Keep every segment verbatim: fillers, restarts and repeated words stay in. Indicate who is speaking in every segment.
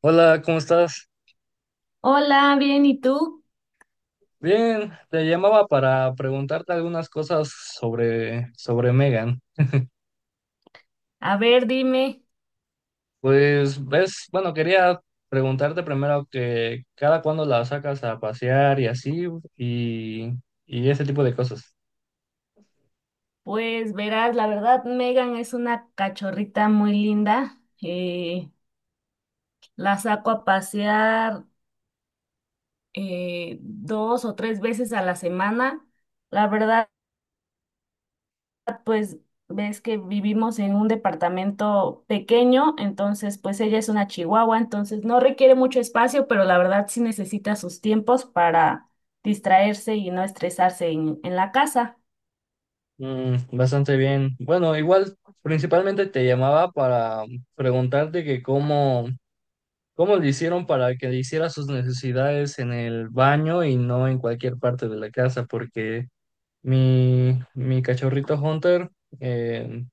Speaker 1: Hola, ¿cómo estás?
Speaker 2: Hola, bien, ¿y tú?
Speaker 1: Bien, te llamaba para preguntarte algunas cosas sobre, sobre Megan.
Speaker 2: A ver, dime,
Speaker 1: Pues ves, bueno, quería preguntarte primero que cada cuándo la sacas a pasear y así, y, y ese tipo de cosas.
Speaker 2: pues verás, la verdad, Megan es una cachorrita muy linda. Eh, la saco a pasear eh, dos o tres veces a la semana. La verdad, pues ves que vivimos en un departamento pequeño, entonces pues ella es una chihuahua, entonces no requiere mucho espacio, pero la verdad sí necesita sus tiempos para distraerse y no estresarse en en la casa.
Speaker 1: Mm, bastante bien. Bueno, igual principalmente te llamaba para preguntarte que cómo, cómo le hicieron para que le hiciera sus necesidades en el baño y no en cualquier parte de la casa, porque Mi, mi cachorrito Hunter eh,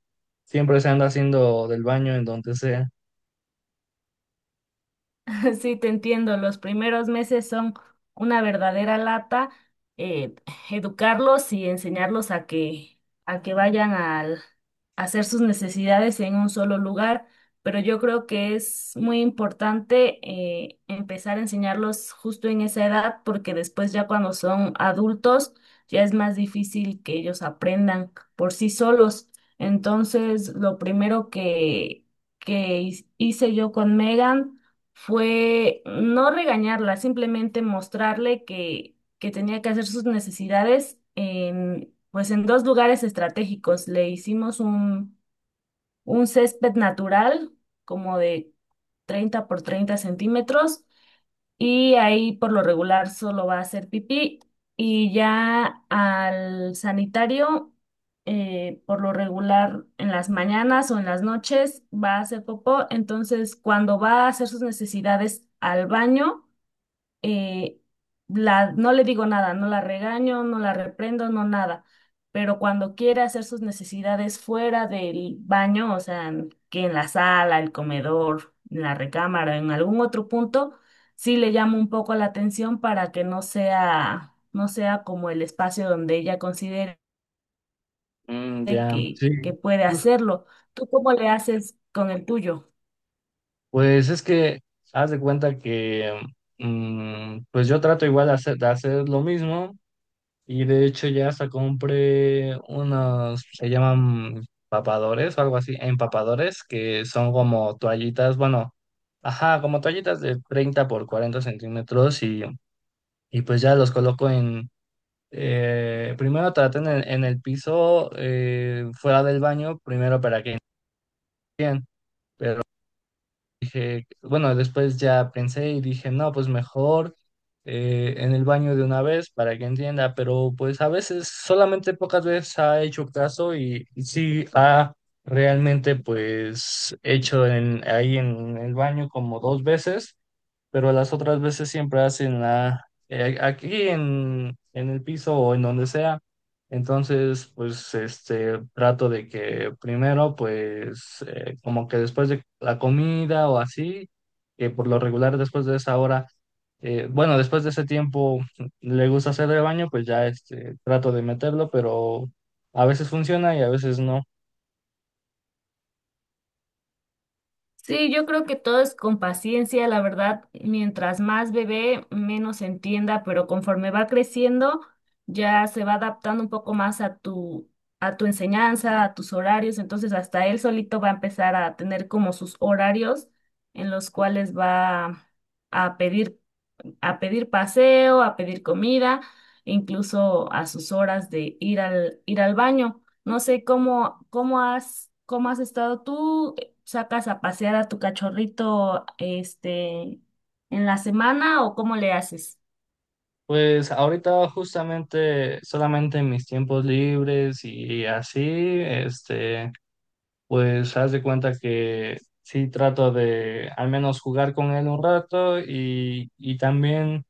Speaker 1: siempre se anda haciendo del baño en donde sea.
Speaker 2: Sí, te entiendo. Los primeros meses son una verdadera lata. eh, Educarlos y enseñarlos a que, a que vayan al- a hacer sus necesidades en un solo lugar. Pero yo creo que es muy importante eh, empezar a enseñarlos justo en esa edad, porque después ya cuando son adultos ya es más difícil que ellos aprendan por sí solos. Entonces, lo primero que, que hice yo con Megan fue no regañarla, simplemente mostrarle que, que tenía que hacer sus necesidades en, pues en dos lugares estratégicos. Le hicimos un, un césped natural como de treinta por treinta centímetros y ahí por lo regular solo va a hacer pipí y ya al sanitario eh, por lo regular en las mañanas o en las noches va a hacer popó, entonces cuando va a hacer sus necesidades al baño, eh, la, no le digo nada, no la regaño, no la reprendo, no nada, pero cuando quiere hacer sus necesidades fuera del baño, o sea, en- que en la sala, el comedor, en la recámara, en algún otro punto, sí le llamo un poco la atención para que no sea, no sea como el espacio donde ella considere
Speaker 1: Mm, ya,
Speaker 2: que, que
Speaker 1: sí.
Speaker 2: puede
Speaker 1: Pues,
Speaker 2: hacerlo. ¿Tú cómo le haces con el tuyo?
Speaker 1: pues es que haz de cuenta que mm, pues yo trato igual de hacer, de hacer lo mismo, y de hecho ya hasta compré unos, se llaman papadores o algo así, empapadores, que son como toallitas, bueno, ajá, como toallitas de treinta por cuarenta centímetros, y, y pues ya los coloco. Eh, primero traten en, en el piso, eh, fuera del baño, primero para que dije, bueno, después ya pensé y dije, no, pues mejor eh, en el baño de una vez para que entienda, pero pues a veces solamente pocas veces ha hecho caso, y, y sí ha realmente pues hecho en, ahí en el baño como dos veces. Pero las otras veces siempre hacen la, eh, aquí en, en el piso o en donde sea. Entonces, pues, este, trato de que primero, pues, eh, como que después de la comida o así, que por lo regular después de esa hora, eh, bueno, después de ese tiempo le gusta hacer el baño, pues ya, este, trato de meterlo, pero a veces funciona y a veces no.
Speaker 2: Sí, yo creo que todo es con paciencia, la verdad, mientras más bebé, menos entienda, pero conforme va creciendo, ya se va adaptando un poco más a tu, a tu enseñanza, a tus horarios, entonces hasta él solito va a empezar a tener como sus horarios en los cuales va a pedir a pedir paseo, a pedir comida, incluso a sus horas de ir al, ir al baño. No sé cómo, cómo has, cómo has estado tú, sacas a pasear a tu cachorrito, este, en la semana o cómo le haces.
Speaker 1: Pues ahorita justamente solamente en mis tiempos libres y así, este, pues haz de cuenta que sí trato de al menos jugar con él un rato, y, y también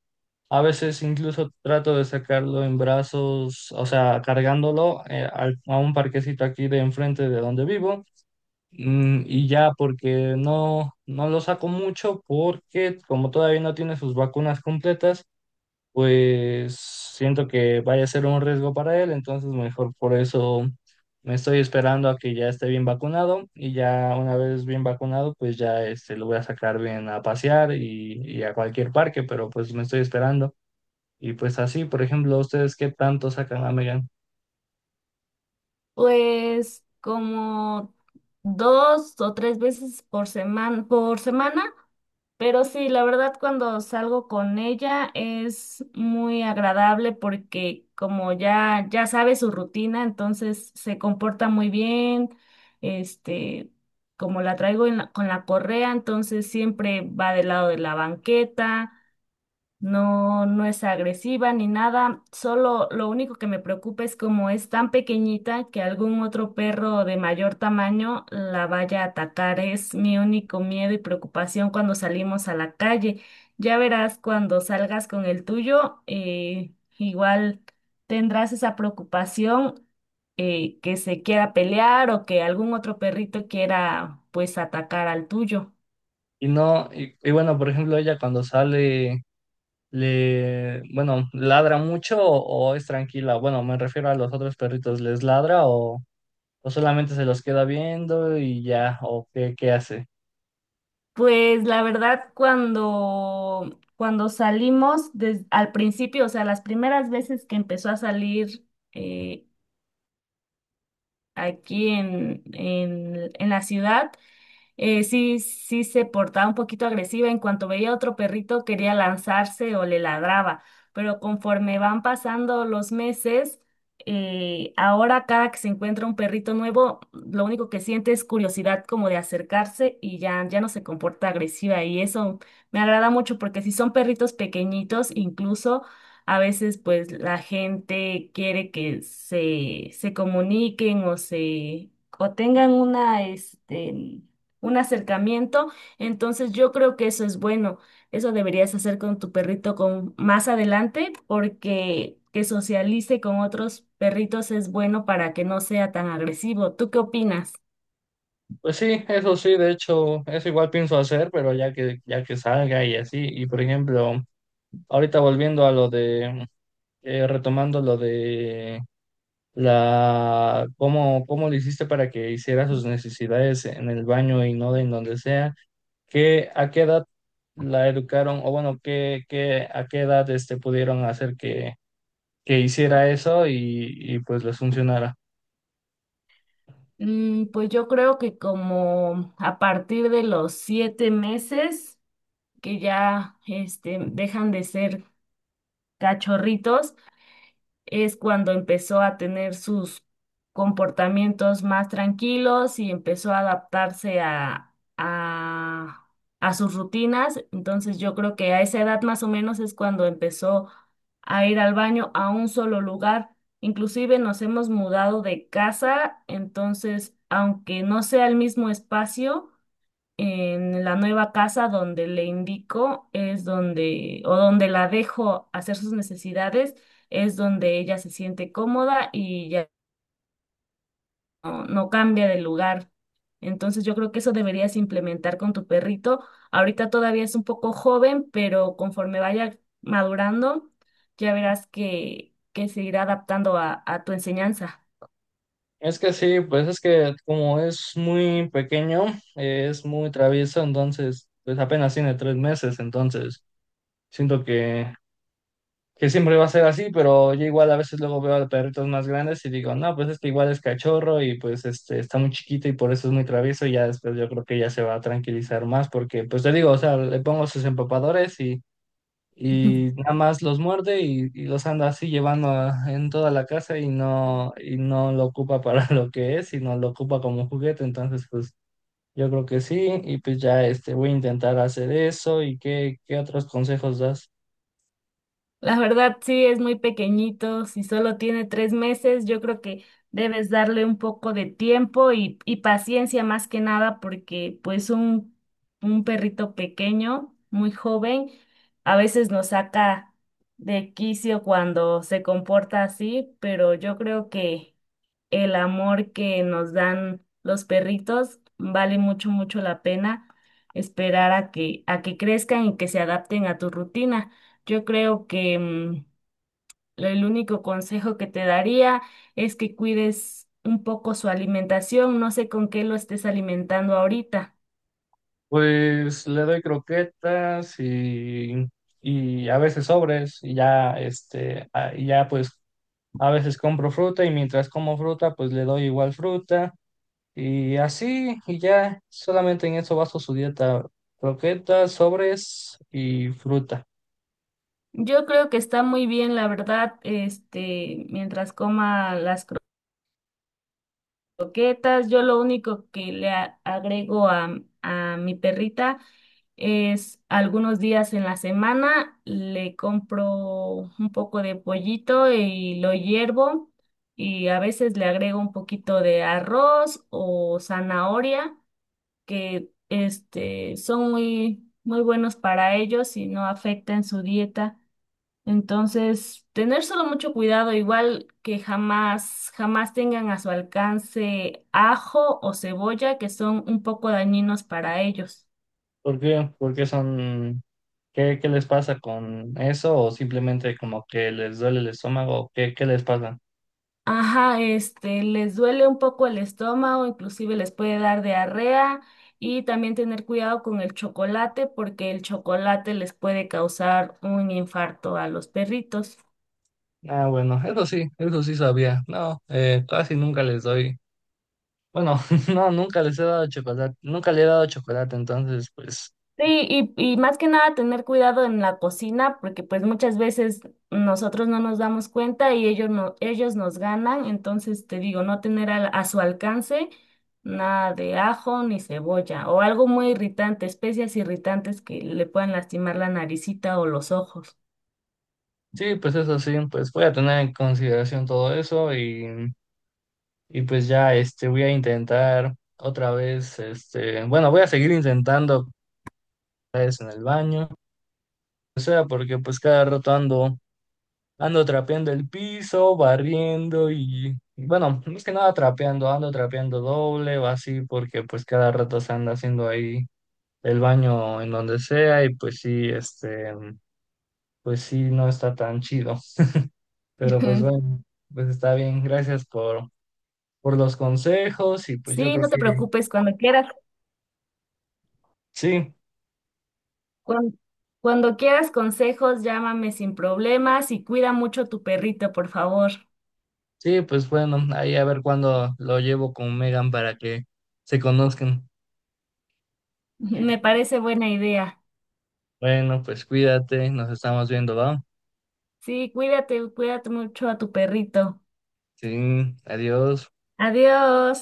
Speaker 1: a veces incluso trato de sacarlo en brazos, o sea, cargándolo eh, al- a un parquecito aquí de enfrente de donde vivo. Mm, y ya, porque no, no lo saco mucho porque como todavía no tiene sus vacunas completas, pues siento que vaya a ser un riesgo para él, entonces mejor por eso me estoy esperando a que ya esté bien vacunado, y ya una vez bien vacunado, pues ya este, lo voy a sacar bien a pasear y, y a cualquier parque, pero pues me estoy esperando. Y pues así, por ejemplo, ¿ustedes qué tanto sacan a Megan?
Speaker 2: Pues como dos o tres veces por semana, por semana, pero sí, la verdad cuando salgo con ella es muy agradable porque como ya ya sabe su rutina, entonces se comporta muy bien, este, como la traigo en la- con la correa, entonces siempre va del lado de la banqueta. No, no es agresiva ni nada, solo lo único que me preocupa es como es tan pequeñita que algún otro perro de mayor tamaño la vaya a atacar. Es mi único miedo y preocupación cuando salimos a la calle. Ya verás cuando salgas con el tuyo, eh, igual tendrás esa preocupación, eh, que se quiera pelear o que algún otro perrito quiera pues atacar al tuyo.
Speaker 1: Y no, y, y bueno, por ejemplo, ella cuando sale, le, bueno, ladra mucho o, o es tranquila. Bueno, me refiero a los otros perritos, ¿les ladra o... o solamente se los queda viendo y ya, o qué, qué hace?
Speaker 2: Pues la verdad, cuando, cuando salimos des- al principio, o sea, las primeras veces que empezó a salir eh, aquí en, en, en la ciudad, eh, sí, sí se portaba un poquito agresiva. En cuanto veía a otro perrito, quería lanzarse o le ladraba. Pero conforme van pasando los meses, eh, ahora cada que se encuentra un perrito nuevo, lo único que siente es curiosidad como de acercarse y ya, ya no se comporta agresiva. Y eso me agrada mucho porque si son perritos pequeñitos, incluso a veces pues la gente quiere que se, se comuniquen o se o tengan una, este, un acercamiento. Entonces yo creo que eso es bueno. Eso deberías hacer con tu perrito con más adelante porque que socialice con otros perritos es bueno para que no sea tan agresivo. ¿Tú qué opinas?
Speaker 1: Pues sí, eso sí, de hecho, eso igual pienso hacer, pero ya que, ya que salga y así, y por ejemplo, ahorita volviendo a lo de, eh, retomando lo de la, cómo, cómo le hiciste para que hiciera sus necesidades en el baño y no en donde sea, ¿qué, ¿a qué edad la educaron? O bueno, qué, qué, ¿a qué edad este, pudieron hacer que, que hiciera eso y, y pues les funcionara?
Speaker 2: Mm, pues yo creo que como a partir de los siete meses que ya este, dejan de ser cachorritos, es cuando empezó a tener sus comportamientos más tranquilos y empezó a adaptarse a, a, a sus rutinas. Entonces yo creo que a esa edad más o menos es cuando empezó a ir al baño a un solo lugar. Inclusive nos hemos mudado de casa, entonces aunque no sea el mismo espacio, en la nueva casa donde le indico es donde, o donde la dejo hacer sus necesidades, es donde ella se siente cómoda y ya no, no cambia de lugar. Entonces yo creo que eso deberías implementar con tu perrito. Ahorita todavía es un poco joven, pero conforme vaya madurando, ya verás que, que se irá adaptando a, a tu enseñanza.
Speaker 1: Es que sí, pues es que como es muy pequeño, eh, es muy travieso, entonces, pues apenas tiene tres meses, entonces siento que, que siempre va a ser así, pero yo igual a veces luego veo a perritos más grandes y digo, no, pues este igual es cachorro y pues este está muy chiquito, y por eso es muy travieso, y ya después yo creo que ya se va a tranquilizar más porque, pues te digo, o sea, le pongo sus empapadores, y nada más los muerde, y, y los anda así llevando a- en toda la casa, y no, y no lo ocupa para lo que es, sino lo ocupa como juguete. Entonces, pues yo creo que sí, y pues ya este, voy a intentar hacer eso. ¿Y qué, qué otros consejos das?
Speaker 2: La verdad, sí, es muy pequeñito. Si solo tiene tres meses, yo creo que debes darle un poco de tiempo y, y paciencia más que nada, porque pues un, un perrito pequeño, muy joven, a veces nos saca de quicio cuando se comporta así, pero yo creo que el amor que nos dan los perritos vale mucho, mucho la pena esperar a que, a que crezcan y que se adapten a tu rutina. Yo creo que mm, el único consejo que te daría es que cuides un poco su alimentación. No sé con qué lo estés alimentando ahorita.
Speaker 1: Pues le doy croquetas, y, y a veces sobres, y ya este, a- y ya pues a veces compro fruta, y mientras como fruta, pues le doy igual fruta. Y así, y ya solamente en eso baso su dieta: croquetas, sobres y fruta.
Speaker 2: Yo creo que está muy bien, la verdad, este, mientras coma las croquetas. Yo lo único que le a- agrego a, a mi perrita es algunos días en la semana le compro un poco de pollito y lo hiervo y a veces le agrego un poquito de arroz o zanahoria que este, son muy, muy buenos para ellos y no afectan su dieta. Entonces, tener solo mucho cuidado, igual que jamás, jamás tengan a su alcance ajo o cebolla, que son un poco dañinos para ellos.
Speaker 1: ¿Por qué? Porque son, ¿qué, qué les pasa con eso? ¿O simplemente como que les duele el estómago? ¿Qué, qué les pasa?
Speaker 2: Ajá, este, les duele un poco el estómago, inclusive les puede dar diarrea y también tener cuidado con el chocolate porque el chocolate les puede causar un infarto a los perritos.
Speaker 1: Ah, bueno, eso sí, eso sí sabía. No, eh, casi nunca les doy. Bueno, no, nunca les he dado chocolate, nunca le he dado chocolate, entonces, pues,
Speaker 2: Sí, y, y más que nada tener cuidado en la cocina, porque pues muchas veces nosotros no nos damos cuenta y ellos no, ellos nos ganan, entonces te digo, no tener al- a, su alcance nada de ajo ni cebolla o algo muy irritante, especias irritantes que le puedan lastimar la naricita o los ojos.
Speaker 1: sí, pues eso sí, pues voy a tener en consideración todo eso. y... Y pues ya, este, voy a intentar otra vez, este, bueno, voy a seguir intentando otra vez en el baño, o sea, porque pues cada rato ando, ando trapeando el piso, barriendo y, bueno, más que nada trapeando, ando trapeando doble o así, porque pues cada rato se anda haciendo ahí el baño en donde sea, y pues sí, este, pues sí, no está tan chido, pero pues
Speaker 2: Ujú.
Speaker 1: bueno, pues está bien, gracias por, por los consejos, y pues yo
Speaker 2: Sí,
Speaker 1: creo
Speaker 2: no te
Speaker 1: que
Speaker 2: preocupes, cuando quieras,
Speaker 1: sí.
Speaker 2: cuan- cuando quieras consejos, llámame sin problemas y cuida mucho tu perrito, por favor.
Speaker 1: Sí, pues bueno, ahí a ver cuándo lo llevo con Megan para que se conozcan.
Speaker 2: Me parece buena idea.
Speaker 1: Bueno, pues cuídate, nos estamos viendo, ¿va?
Speaker 2: Sí, cuídate, cuídate mucho a tu perrito.
Speaker 1: Sí, adiós.
Speaker 2: Adiós.